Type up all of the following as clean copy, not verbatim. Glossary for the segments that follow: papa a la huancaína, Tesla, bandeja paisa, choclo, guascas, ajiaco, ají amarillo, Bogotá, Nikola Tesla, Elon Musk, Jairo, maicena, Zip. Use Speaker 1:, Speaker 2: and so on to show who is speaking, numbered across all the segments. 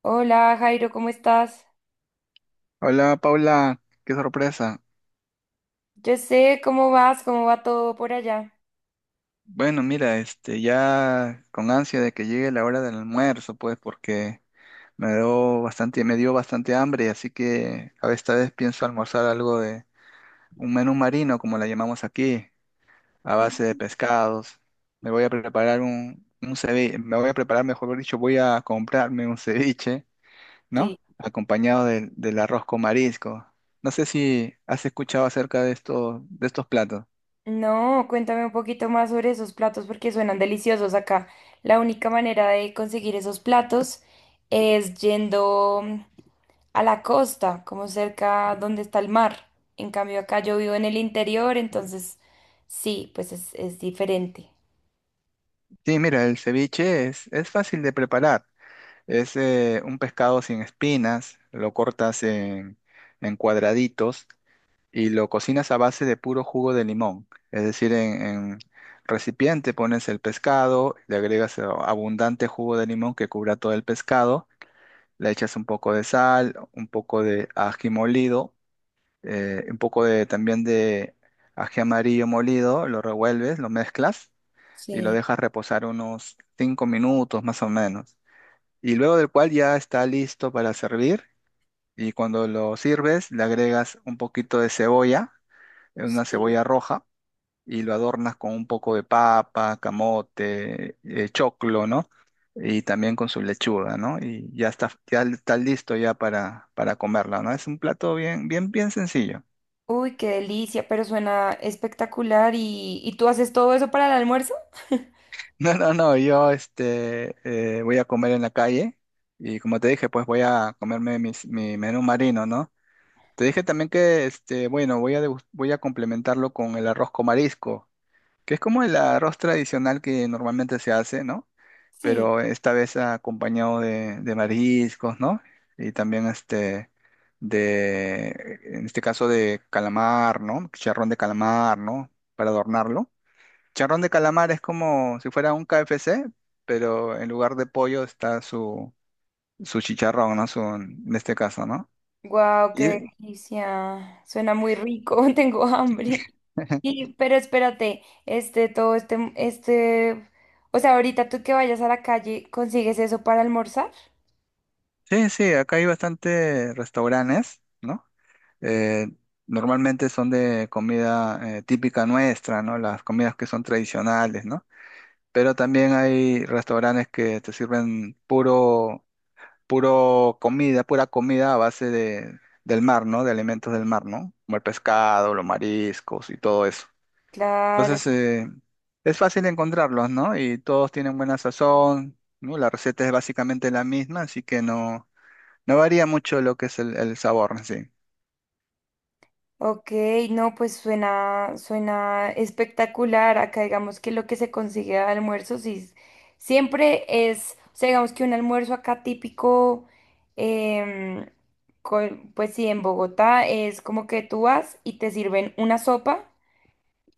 Speaker 1: Hola Jairo, ¿cómo estás?
Speaker 2: Hola Paula, qué sorpresa.
Speaker 1: Yo sé cómo vas, cómo va todo por allá.
Speaker 2: Bueno, mira, ya con ansia de que llegue la hora del almuerzo, pues, porque me dio bastante hambre, así que a esta vez pienso almorzar algo de un menú marino, como la llamamos aquí, a base de
Speaker 1: Mm.
Speaker 2: pescados. Me voy a preparar un ceviche, me voy a preparar, mejor dicho, voy a comprarme un ceviche, ¿no?
Speaker 1: Sí.
Speaker 2: Acompañado del arroz con marisco. No sé si has escuchado acerca de estos platos.
Speaker 1: No, cuéntame un poquito más sobre esos platos porque suenan deliciosos acá. La única manera de conseguir esos platos es yendo a la costa, como cerca donde está el mar. En cambio acá yo vivo en el interior, entonces sí, pues es diferente.
Speaker 2: Sí, mira, el ceviche es fácil de preparar. Es un pescado sin espinas, lo cortas en cuadraditos y lo cocinas a base de puro jugo de limón. Es decir, en recipiente pones el pescado, le agregas abundante jugo de limón que cubra todo el pescado, le echas un poco de sal, un poco de ají molido, también de ají amarillo molido, lo revuelves, lo mezclas y lo
Speaker 1: Sí,
Speaker 2: dejas reposar unos 5 minutos más o menos. Y luego del cual ya está listo para servir, y cuando lo sirves le agregas un poquito de cebolla, una
Speaker 1: sí.
Speaker 2: cebolla roja y lo adornas con un poco de papa, camote, choclo, ¿no? Y también con su lechuga, ¿no? Y ya está listo ya para comerla, ¿no? Es un plato bien, bien, bien sencillo.
Speaker 1: Uy, qué delicia, pero suena espectacular. Y tú haces todo eso para el almuerzo?
Speaker 2: No, no, no, yo voy a comer en la calle y como te dije, pues voy a comerme mi menú marino, ¿no? Te dije también que, bueno, voy a complementarlo con el arroz con marisco, que es como el arroz tradicional que normalmente se hace, ¿no?
Speaker 1: Sí.
Speaker 2: Pero esta vez acompañado de mariscos, ¿no? Y también de, en este caso de calamar, ¿no? Chicharrón de calamar, ¿no? Para adornarlo. Charrón de calamar es como si fuera un KFC, pero en lugar de pollo está su chicharrón, ¿no? Su, en este caso, ¿no?
Speaker 1: Guau, qué
Speaker 2: Y,
Speaker 1: delicia. Suena muy rico, tengo hambre. Y pero espérate, o sea, ahorita tú que vayas a la calle, ¿consigues eso para almorzar?
Speaker 2: sí, sí, acá hay bastantes restaurantes, ¿no? Eh, normalmente son de comida típica nuestra, ¿no? Las comidas que son tradicionales, ¿no? Pero también hay restaurantes que te sirven pura comida a base de, del mar, ¿no? De alimentos del mar, ¿no? Como el pescado, los mariscos y todo eso. Entonces,
Speaker 1: Claro.
Speaker 2: es fácil encontrarlos, ¿no? Y todos tienen buena sazón, ¿no? La receta es básicamente la misma, así que no varía mucho lo que es el sabor en sí.
Speaker 1: Ok, no, pues suena, suena espectacular. Acá digamos que lo que se consigue de almuerzo siempre es, o sea, digamos que un almuerzo acá típico, em, pues sí, en Bogotá es como que tú vas y te sirven una sopa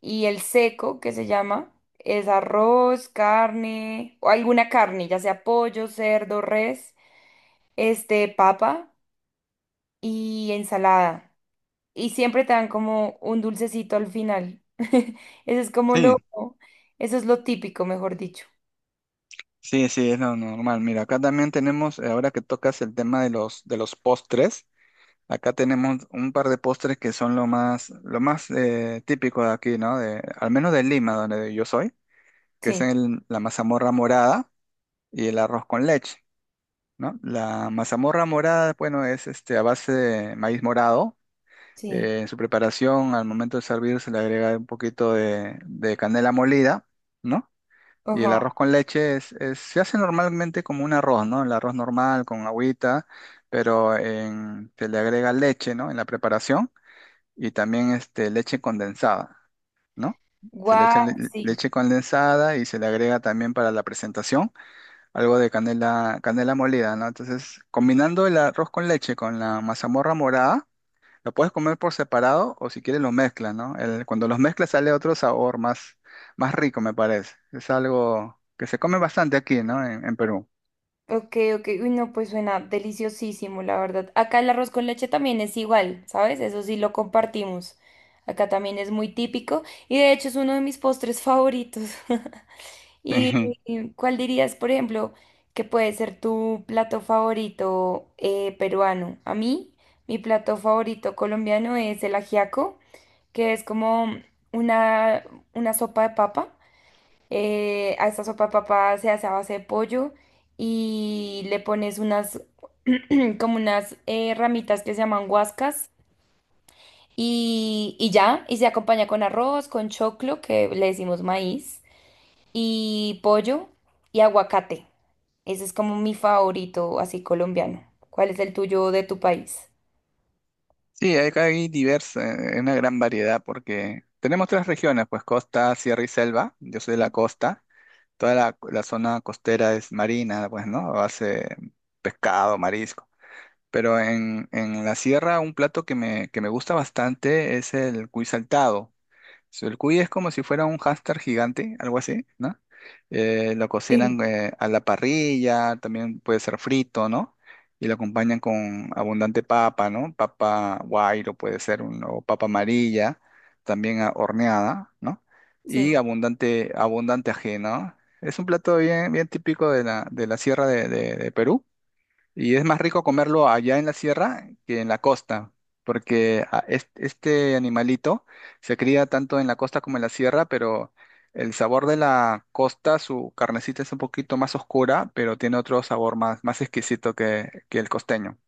Speaker 1: y el seco que se llama es arroz, carne o alguna carne, ya sea pollo, cerdo, res, este, papa y ensalada y siempre te dan como un dulcecito al final. Eso es como lo,
Speaker 2: Sí,
Speaker 1: eso es lo típico, mejor dicho.
Speaker 2: sí, sí, es lo normal. Mira, acá también tenemos, ahora que tocas el tema de los postres, acá tenemos un par de postres que son lo más típico de aquí, ¿no? De, al menos de Lima, donde yo soy, que es
Speaker 1: Sí,
Speaker 2: la mazamorra morada y el arroz con leche, ¿no? La mazamorra morada, bueno, es a base de maíz morado.
Speaker 1: sí.
Speaker 2: En su preparación, al momento de servir, se le agrega un poquito de canela molida, ¿no? Y el
Speaker 1: Ajá.
Speaker 2: arroz con leche se hace normalmente como un arroz, ¿no? El arroz normal con agüita, pero se le agrega leche, ¿no? En la preparación y también leche condensada, ¿no? Se le echa
Speaker 1: Guau, sí.
Speaker 2: leche condensada y se le agrega también para la presentación algo de canela, canela molida, ¿no? Entonces, combinando el arroz con leche con la mazamorra morada, lo puedes comer por separado o si quieres lo mezclas, ¿no? Cuando los mezclas sale otro sabor más, más rico, me parece. Es algo que se come bastante aquí, ¿no? En Perú.
Speaker 1: Ok, ok. Uy, no, pues suena deliciosísimo, la verdad. Acá el arroz con leche también es igual, ¿sabes? Eso sí lo compartimos. Acá también es muy típico y de hecho es uno de mis postres favoritos. ¿Y cuál dirías, por ejemplo, que puede ser tu plato favorito peruano? A mí, mi plato favorito colombiano es el ajiaco, que es como una, una sopa de papa. A esta sopa de papa se hace a base de pollo y le pones como unas ramitas que se llaman guascas y ya, y se acompaña con arroz, con choclo, que le decimos maíz, y pollo y aguacate. Ese es como mi favorito, así colombiano. ¿Cuál es el tuyo de tu país?
Speaker 2: Sí, sí, una gran variedad porque tenemos tres regiones, pues costa, sierra y selva. Yo soy de la costa. Toda la zona costera es marina, pues, ¿no? Hace pescado, marisco. Pero en la sierra un plato que me gusta bastante es el cuy saltado. El cuy es como si fuera un hámster gigante, algo así, ¿no? Lo cocinan a la parrilla, también puede ser frito, ¿no? Y lo acompañan con abundante papa, ¿no? Papa guairo puede ser, o papa amarilla, también horneada, ¿no? Y
Speaker 1: Sí.
Speaker 2: abundante, abundante ají, ¿no? Es un plato bien, bien típico de la sierra de Perú, y es más rico comerlo allá en la sierra que en la costa, porque este animalito se cría tanto en la costa como en la sierra, pero el sabor de la costa, su carnecita es un poquito más oscura, pero tiene otro sabor más, más exquisito que el costeño.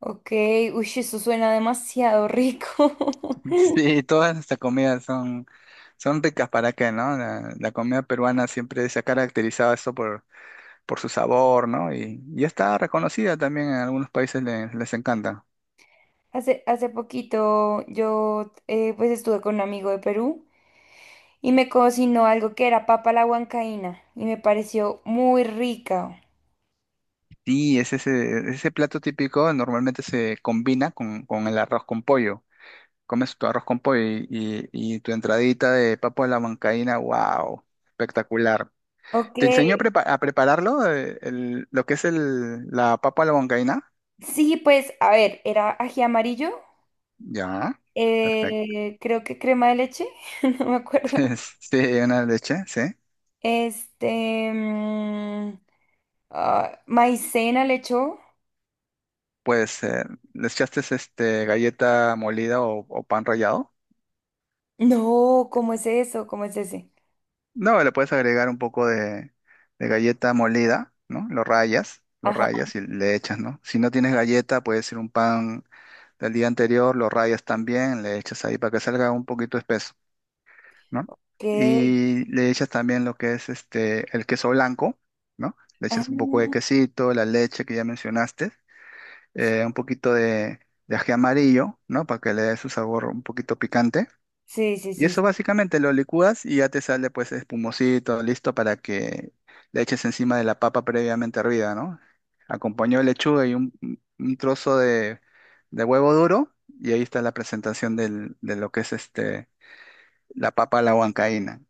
Speaker 1: Ok, uy, eso suena demasiado rico.
Speaker 2: Sí, todas nuestras comidas son ricas para qué, ¿no? La comida peruana siempre se ha caracterizado eso por su sabor, ¿no? Y está reconocida también en algunos países, les encanta.
Speaker 1: Hace, hace poquito yo pues estuve con un amigo de Perú y me cocinó algo que era papa a la huancaína y me pareció muy rica.
Speaker 2: Sí, es ese plato típico, normalmente se combina con el arroz con pollo. Comes tu arroz con pollo y tu entradita de papa a la huancaína, wow, espectacular.
Speaker 1: Ok,
Speaker 2: ¿Te enseñó a prepararlo, lo que es la papa a la huancaína?
Speaker 1: sí, pues a ver, era ají amarillo,
Speaker 2: Ya, perfecto.
Speaker 1: creo que crema de leche, no me acuerdo.
Speaker 2: Sí, una leche, sí.
Speaker 1: Este, mm, ah, maicena le echó.
Speaker 2: Pues le echaste galleta molida o pan rallado.
Speaker 1: No, ¿cómo es eso? ¿Cómo es ese?
Speaker 2: No, le puedes agregar un poco de galleta molida, ¿no? Lo
Speaker 1: Ajá,
Speaker 2: rayas y le echas, ¿no? Si no tienes galleta, puede ser un pan del día anterior, lo rayas también, le echas ahí para que salga un poquito espeso, ¿no?
Speaker 1: ok.
Speaker 2: Y le echas también lo que es el queso blanco, ¿no? Le
Speaker 1: Ah,
Speaker 2: echas un poco de quesito, la leche que ya mencionaste, un poquito de ají amarillo, ¿no? Para que le dé su sabor un poquito picante,
Speaker 1: sí, sí,
Speaker 2: y
Speaker 1: sí.
Speaker 2: eso
Speaker 1: Sí.
Speaker 2: básicamente lo licúas y ya te sale pues espumosito, listo para que le eches encima de la papa previamente hervida, ¿no? Acompañó de lechuga y un trozo de huevo duro y ahí está la presentación de lo que es la papa a la huancaína.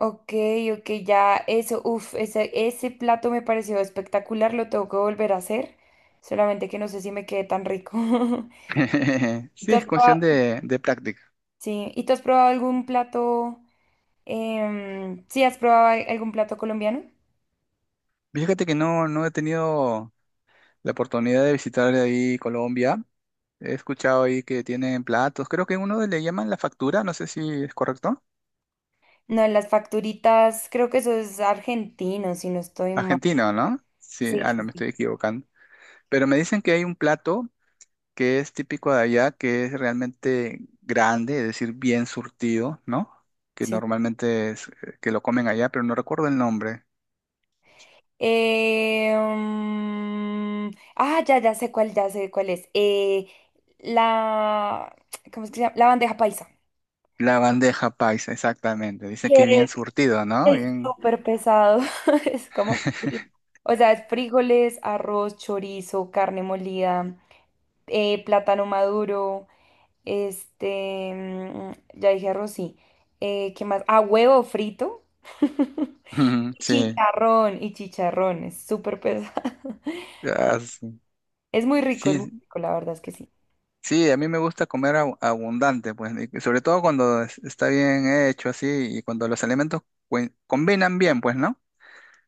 Speaker 1: Ok, uff, ese plato me pareció espectacular, lo tengo que volver a hacer, solamente que no sé si me quede tan rico. ¿Y
Speaker 2: Sí,
Speaker 1: tú has
Speaker 2: es
Speaker 1: probado,
Speaker 2: cuestión de práctica.
Speaker 1: sí, ¿y tú has probado algún plato, em, sí, has probado algún plato colombiano?
Speaker 2: Fíjate que no he tenido la oportunidad de visitar ahí Colombia. He escuchado ahí que tienen platos. Creo que uno le llaman la factura, no sé si es correcto.
Speaker 1: No, las facturitas, creo que eso es argentino, si no estoy mal.
Speaker 2: Argentino, ¿no? Sí, ah,
Speaker 1: Sí,
Speaker 2: no, me
Speaker 1: sí,
Speaker 2: estoy equivocando. Pero me dicen que hay un plato que es típico de allá, que es realmente grande, es decir, bien surtido, ¿no? Que
Speaker 1: sí.
Speaker 2: normalmente es que lo comen allá, pero no recuerdo el nombre.
Speaker 1: Mm, ah, ya sé cuál es. La, ¿cómo es que se llama? La bandeja paisa.
Speaker 2: La bandeja paisa, exactamente. Dicen que es bien
Speaker 1: Que
Speaker 2: surtido, ¿no?
Speaker 1: es
Speaker 2: Bien...
Speaker 1: súper pesado. Es como, o sea, es frijoles, arroz, chorizo, carne molida, plátano maduro, ya dije arroz, sí. ¿Qué más? Ah, huevo frito.
Speaker 2: Ujú, sí.
Speaker 1: Chicharrón y chicharrón. Es súper pesado.
Speaker 2: Ah, sí.
Speaker 1: Es muy
Speaker 2: Sí,
Speaker 1: rico, la verdad es que sí.
Speaker 2: sí, a mí me gusta comer abundante, pues, y sobre todo cuando está bien hecho así y cuando los alimentos combinan bien, pues, ¿no?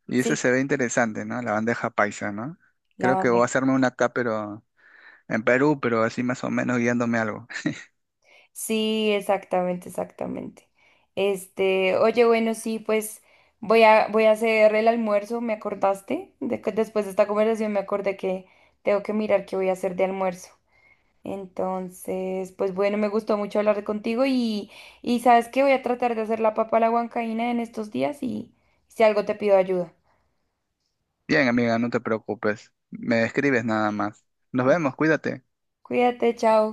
Speaker 2: Y ese
Speaker 1: Sí,
Speaker 2: se ve interesante, ¿no? La bandeja paisa, ¿no?
Speaker 1: la
Speaker 2: Creo que voy a
Speaker 1: barrera.
Speaker 2: hacerme una acá, pero en Perú, pero así más o menos guiándome algo.
Speaker 1: Sí, exactamente, exactamente. Este, oye, bueno, sí, pues voy a hacer el almuerzo, ¿me acordaste? Después de esta conversación me acordé que tengo que mirar qué voy a hacer de almuerzo. Entonces, pues bueno, me gustó mucho hablar contigo y sabes que voy a tratar de hacer la papa a la huancaína en estos días y si algo te pido ayuda.
Speaker 2: Bien, amiga, no te preocupes. Me escribes nada más. Nos vemos, cuídate.
Speaker 1: Cuídate, chao.